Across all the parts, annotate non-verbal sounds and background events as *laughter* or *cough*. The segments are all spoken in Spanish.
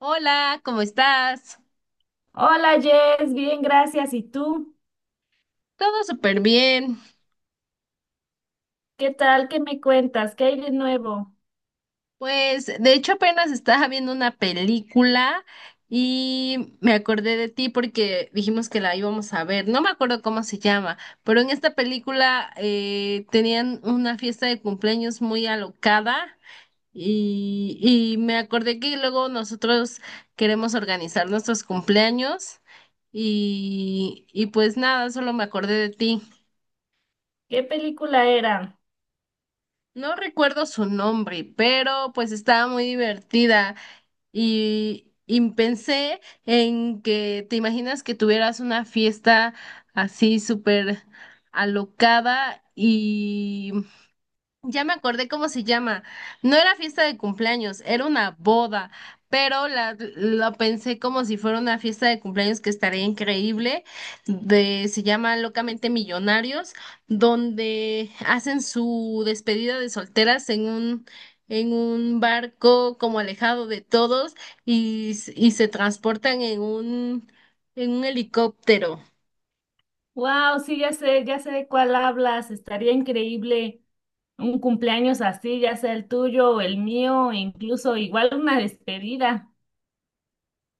Hola, ¿cómo estás? Hola Jess, bien, gracias. ¿Y tú? Todo súper bien. ¿Qué tal? ¿Qué me cuentas? ¿Qué hay de nuevo? Pues de hecho apenas estaba viendo una película y me acordé de ti porque dijimos que la íbamos a ver. No me acuerdo cómo se llama, pero en esta película tenían una fiesta de cumpleaños muy alocada y, y me acordé que luego nosotros queremos organizar nuestros cumpleaños y pues nada, solo me acordé de ti. ¿Qué película era? No recuerdo su nombre, pero pues estaba muy divertida y pensé en que te imaginas que tuvieras una fiesta así súper alocada y ya me acordé cómo se llama. No era fiesta de cumpleaños, era una boda, pero lo pensé como si fuera una fiesta de cumpleaños que estaría increíble. Se llama Locamente Millonarios, donde hacen su despedida de solteras en un barco como alejado de todos y se transportan en un helicóptero. Wow, sí, ya sé de cuál hablas. Estaría increíble un cumpleaños así, ya sea el tuyo o el mío, e incluso igual una despedida.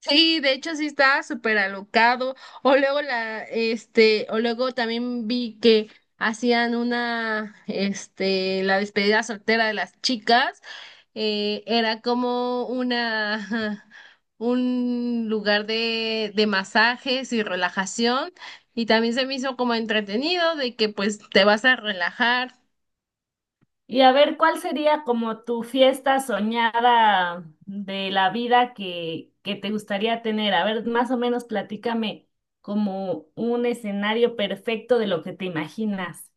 Sí, de hecho sí estaba súper alocado. O luego también vi que hacían la despedida soltera de las chicas. Era como una, *laughs* ajá, un lugar de masajes y relajación. Y también se me hizo como entretenido de que pues te vas a relajar. Y a ver, ¿cuál sería como tu fiesta soñada de la vida que te gustaría tener? A ver, más o menos platícame como un escenario perfecto de lo que te imaginas.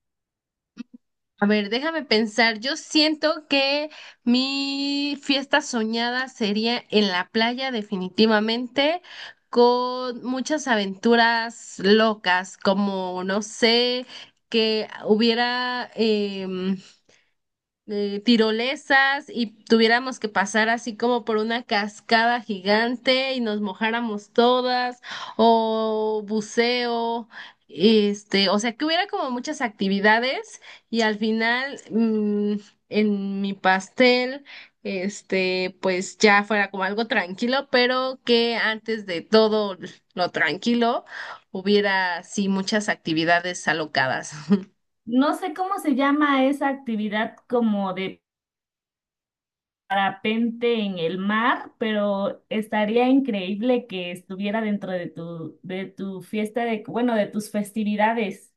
A ver, déjame pensar. Yo siento que mi fiesta soñada sería en la playa, definitivamente, con muchas aventuras locas, como, no sé, que hubiera, tirolesas y tuviéramos que pasar así como por una cascada gigante y nos mojáramos todas o buceo, este, o sea que hubiera como muchas actividades y al final en mi pastel, este, pues ya fuera como algo tranquilo, pero que antes de todo lo tranquilo hubiera sí muchas actividades alocadas. No sé cómo se llama esa actividad como de parapente en el mar, pero estaría increíble que estuviera dentro de tu fiesta de, bueno, de tus festividades.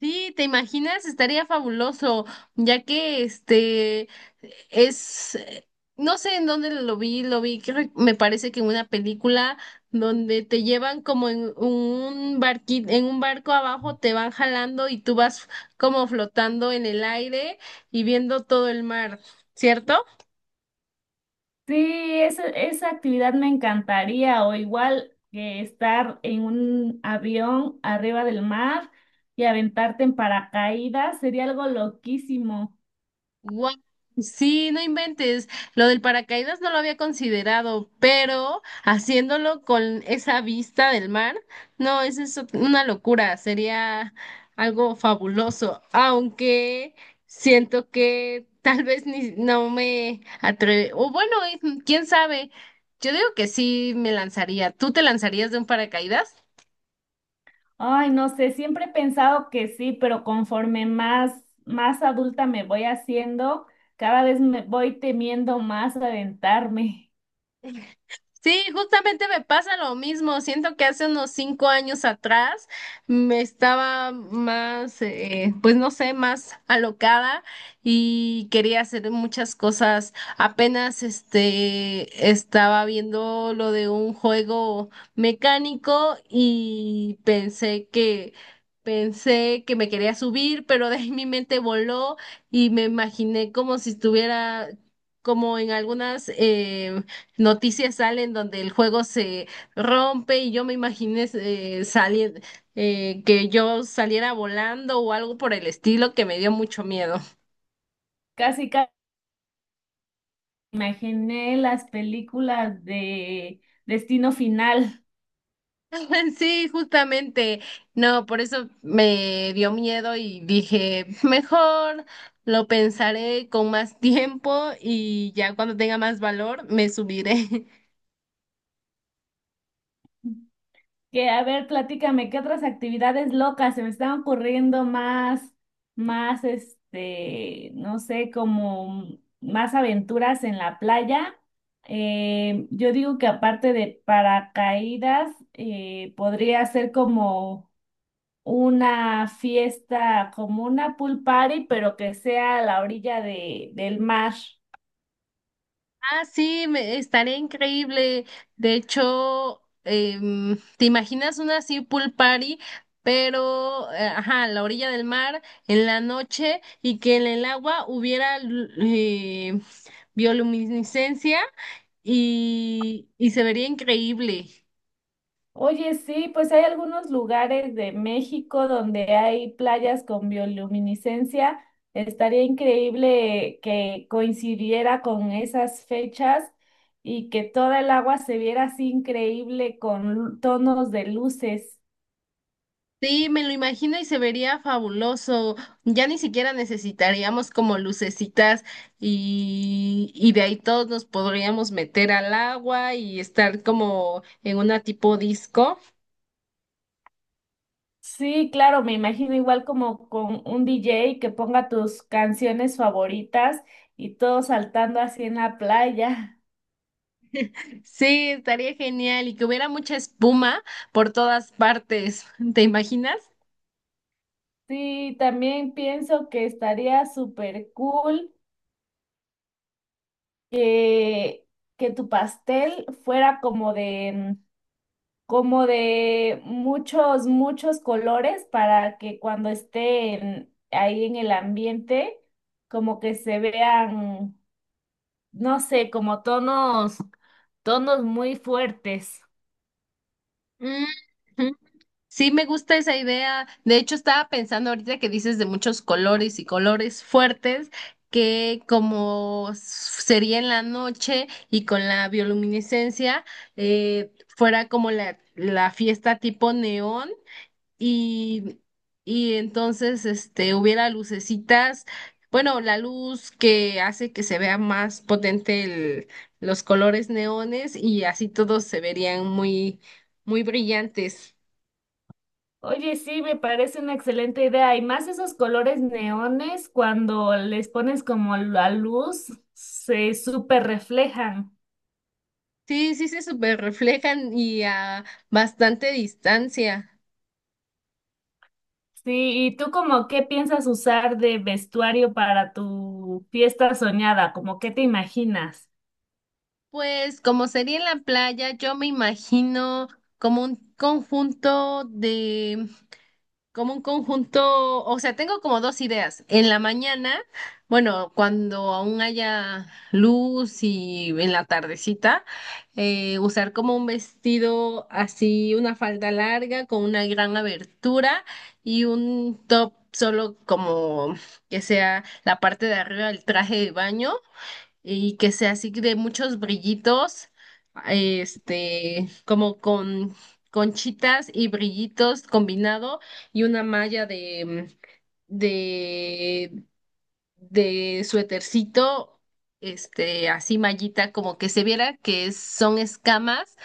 Sí, ¿te imaginas? Estaría fabuloso, ya que es, eh, no sé en dónde lo vi, creo, que me parece que en una película donde te llevan como en un barco abajo, te van jalando y tú vas como flotando en el aire y viendo todo el mar, ¿cierto? Sí, esa actividad me encantaría, o igual que estar en un avión arriba del mar y aventarte en paracaídas, sería algo loquísimo. Guau. Sí, no inventes. Lo del paracaídas no lo había considerado, pero haciéndolo con esa vista del mar, no, eso es una locura. Sería algo fabuloso, aunque siento que tal vez ni no me atreve. O bueno, quién sabe. Yo digo que sí me lanzaría. ¿Tú te lanzarías de un paracaídas? Ay, no sé, siempre he pensado que sí, pero conforme más, más adulta me voy haciendo, cada vez me voy temiendo más aventarme. Sí, justamente me pasa lo mismo. Siento que hace unos cinco años atrás me estaba más, pues no sé, más alocada y quería hacer muchas cosas. Apenas este estaba viendo lo de un juego mecánico y pensé que me quería subir, pero de ahí mi mente voló y me imaginé como si estuviera como en algunas noticias salen donde el juego se rompe y yo me imaginé salir, que yo saliera volando o algo por el estilo que me dio mucho miedo. Casi, casi imaginé las películas de Destino Final. *laughs* Sí, justamente, no, por eso me dio miedo y dije, mejor lo pensaré con más tiempo y ya cuando tenga más valor me subiré. *laughs* Que, a ver, platícame, ¿qué otras actividades locas se me están ocurriendo más, más, este, no sé, como más aventuras en la playa? Yo digo que aparte de paracaídas, podría ser como una fiesta, como una pool party, pero que sea a la orilla de, del mar. Ah, sí, me, estaría increíble. De hecho, ¿te imaginas una así pool party, pero, ajá, a la orilla del mar, en la noche, y que en el agua hubiera bioluminiscencia y se vería increíble? Oye, sí, pues hay algunos lugares de México donde hay playas con bioluminiscencia. Estaría increíble que coincidiera con esas fechas y que toda el agua se viera así increíble con lu- tonos de luces. Sí, me lo imagino y se vería fabuloso. Ya ni siquiera necesitaríamos como lucecitas y de ahí todos nos podríamos meter al agua y estar como en una tipo disco. Sí, claro, me imagino igual como con un DJ que ponga tus canciones favoritas y todos saltando así en la playa. Sí, estaría genial y que hubiera mucha espuma por todas partes. ¿Te imaginas? Sí, también pienso que estaría súper cool que, que tu pastel fuera como de, como de muchos, muchos colores para que cuando estén ahí en el ambiente, como que se vean, no sé, como tonos, tonos muy fuertes. Mm, sí, me gusta esa idea. De hecho, estaba pensando ahorita que dices de muchos colores y colores fuertes, que como sería en la noche y con la bioluminiscencia, fuera como la fiesta tipo neón y, y entonces este, hubiera lucecitas, bueno, la luz que hace que se vea más potente los colores neones y así todos se verían muy, muy brillantes. Oye, sí, me parece una excelente idea. Y más esos colores neones, cuando les pones como la luz, se súper reflejan. Sí, sí se super reflejan y a bastante distancia. Sí, ¿y tú como qué piensas usar de vestuario para tu fiesta soñada? ¿Cómo qué te imaginas? Pues como sería en la playa, yo me imagino como un conjunto como un conjunto, o sea, tengo como dos ideas. En la mañana, bueno, cuando aún haya luz y en la tardecita, usar como un vestido así, una falda larga con una gran abertura y un top solo como que sea la parte de arriba del traje de baño y que sea así de muchos brillitos, este, como con conchitas y brillitos combinado y una malla de, de suétercito, este, así mallita, como que se viera que son escamas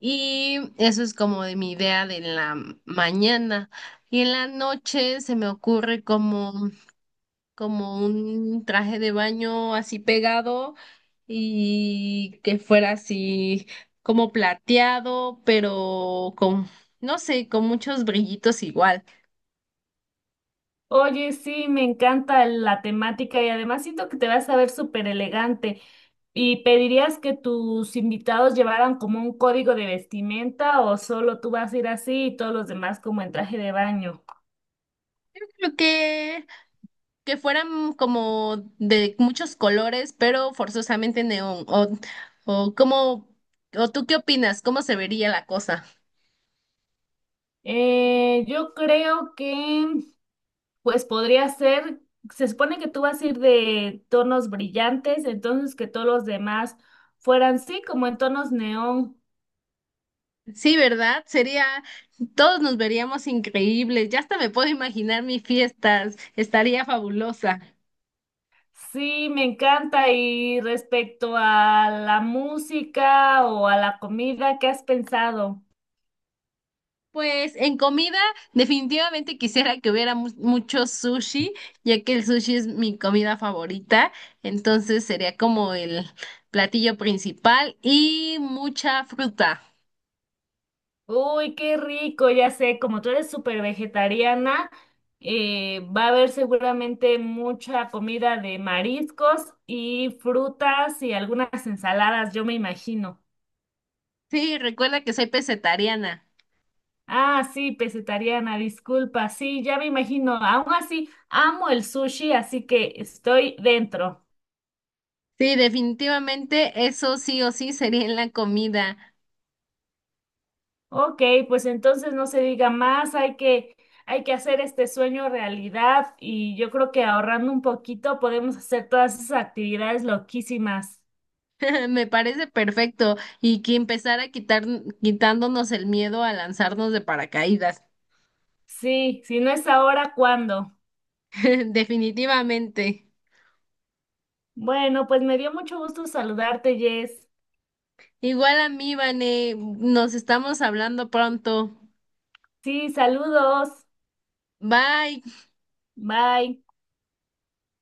y eso es como de mi idea de la mañana. Y en la noche se me ocurre como como un traje de baño así pegado y que fuera así como plateado, pero con, no sé, con muchos brillitos igual. Oye, sí, me encanta la temática y además siento que te vas a ver súper elegante. ¿Y pedirías que tus invitados llevaran como un código de vestimenta o solo tú vas a ir así y todos los demás como en traje de baño? Creo que fueran como de muchos colores, pero forzosamente neón. O como, o tú qué opinas, ¿cómo se vería la cosa? Yo creo que pues podría ser, se supone que tú vas a ir de tonos brillantes, entonces que todos los demás fueran, sí, como en tonos neón. Sí, ¿verdad? Sería, todos nos veríamos increíbles. Ya hasta me puedo imaginar mis fiestas. Estaría fabulosa. Sí, me encanta. Y respecto a la música o a la comida, ¿qué has pensado? Pues en comida definitivamente quisiera que hubiera mucho sushi, ya que el sushi es mi comida favorita, entonces sería como el platillo principal y mucha fruta. Uy, qué rico, ya sé, como tú eres súper vegetariana, va a haber seguramente mucha comida de mariscos y frutas y algunas ensaladas, yo me imagino. Sí, recuerda que soy pesetariana. Ah, sí, pesetariana, disculpa. Sí, ya me imagino. Aún así, amo el sushi, así que estoy dentro. Sí, definitivamente eso sí o sí sería en la comida. Ok, pues entonces no se diga más, hay que hacer este sueño realidad y yo creo que ahorrando un poquito podemos hacer todas esas actividades loquísimas. *laughs* Me parece perfecto y que empezara a quitar quitándonos el miedo a lanzarnos de paracaídas. Sí, si no es ahora, ¿cuándo? *laughs* Definitivamente. Bueno, pues me dio mucho gusto saludarte, Jess. Igual a mí, Vane, nos estamos hablando pronto. Sí, saludos. Bye. Bye.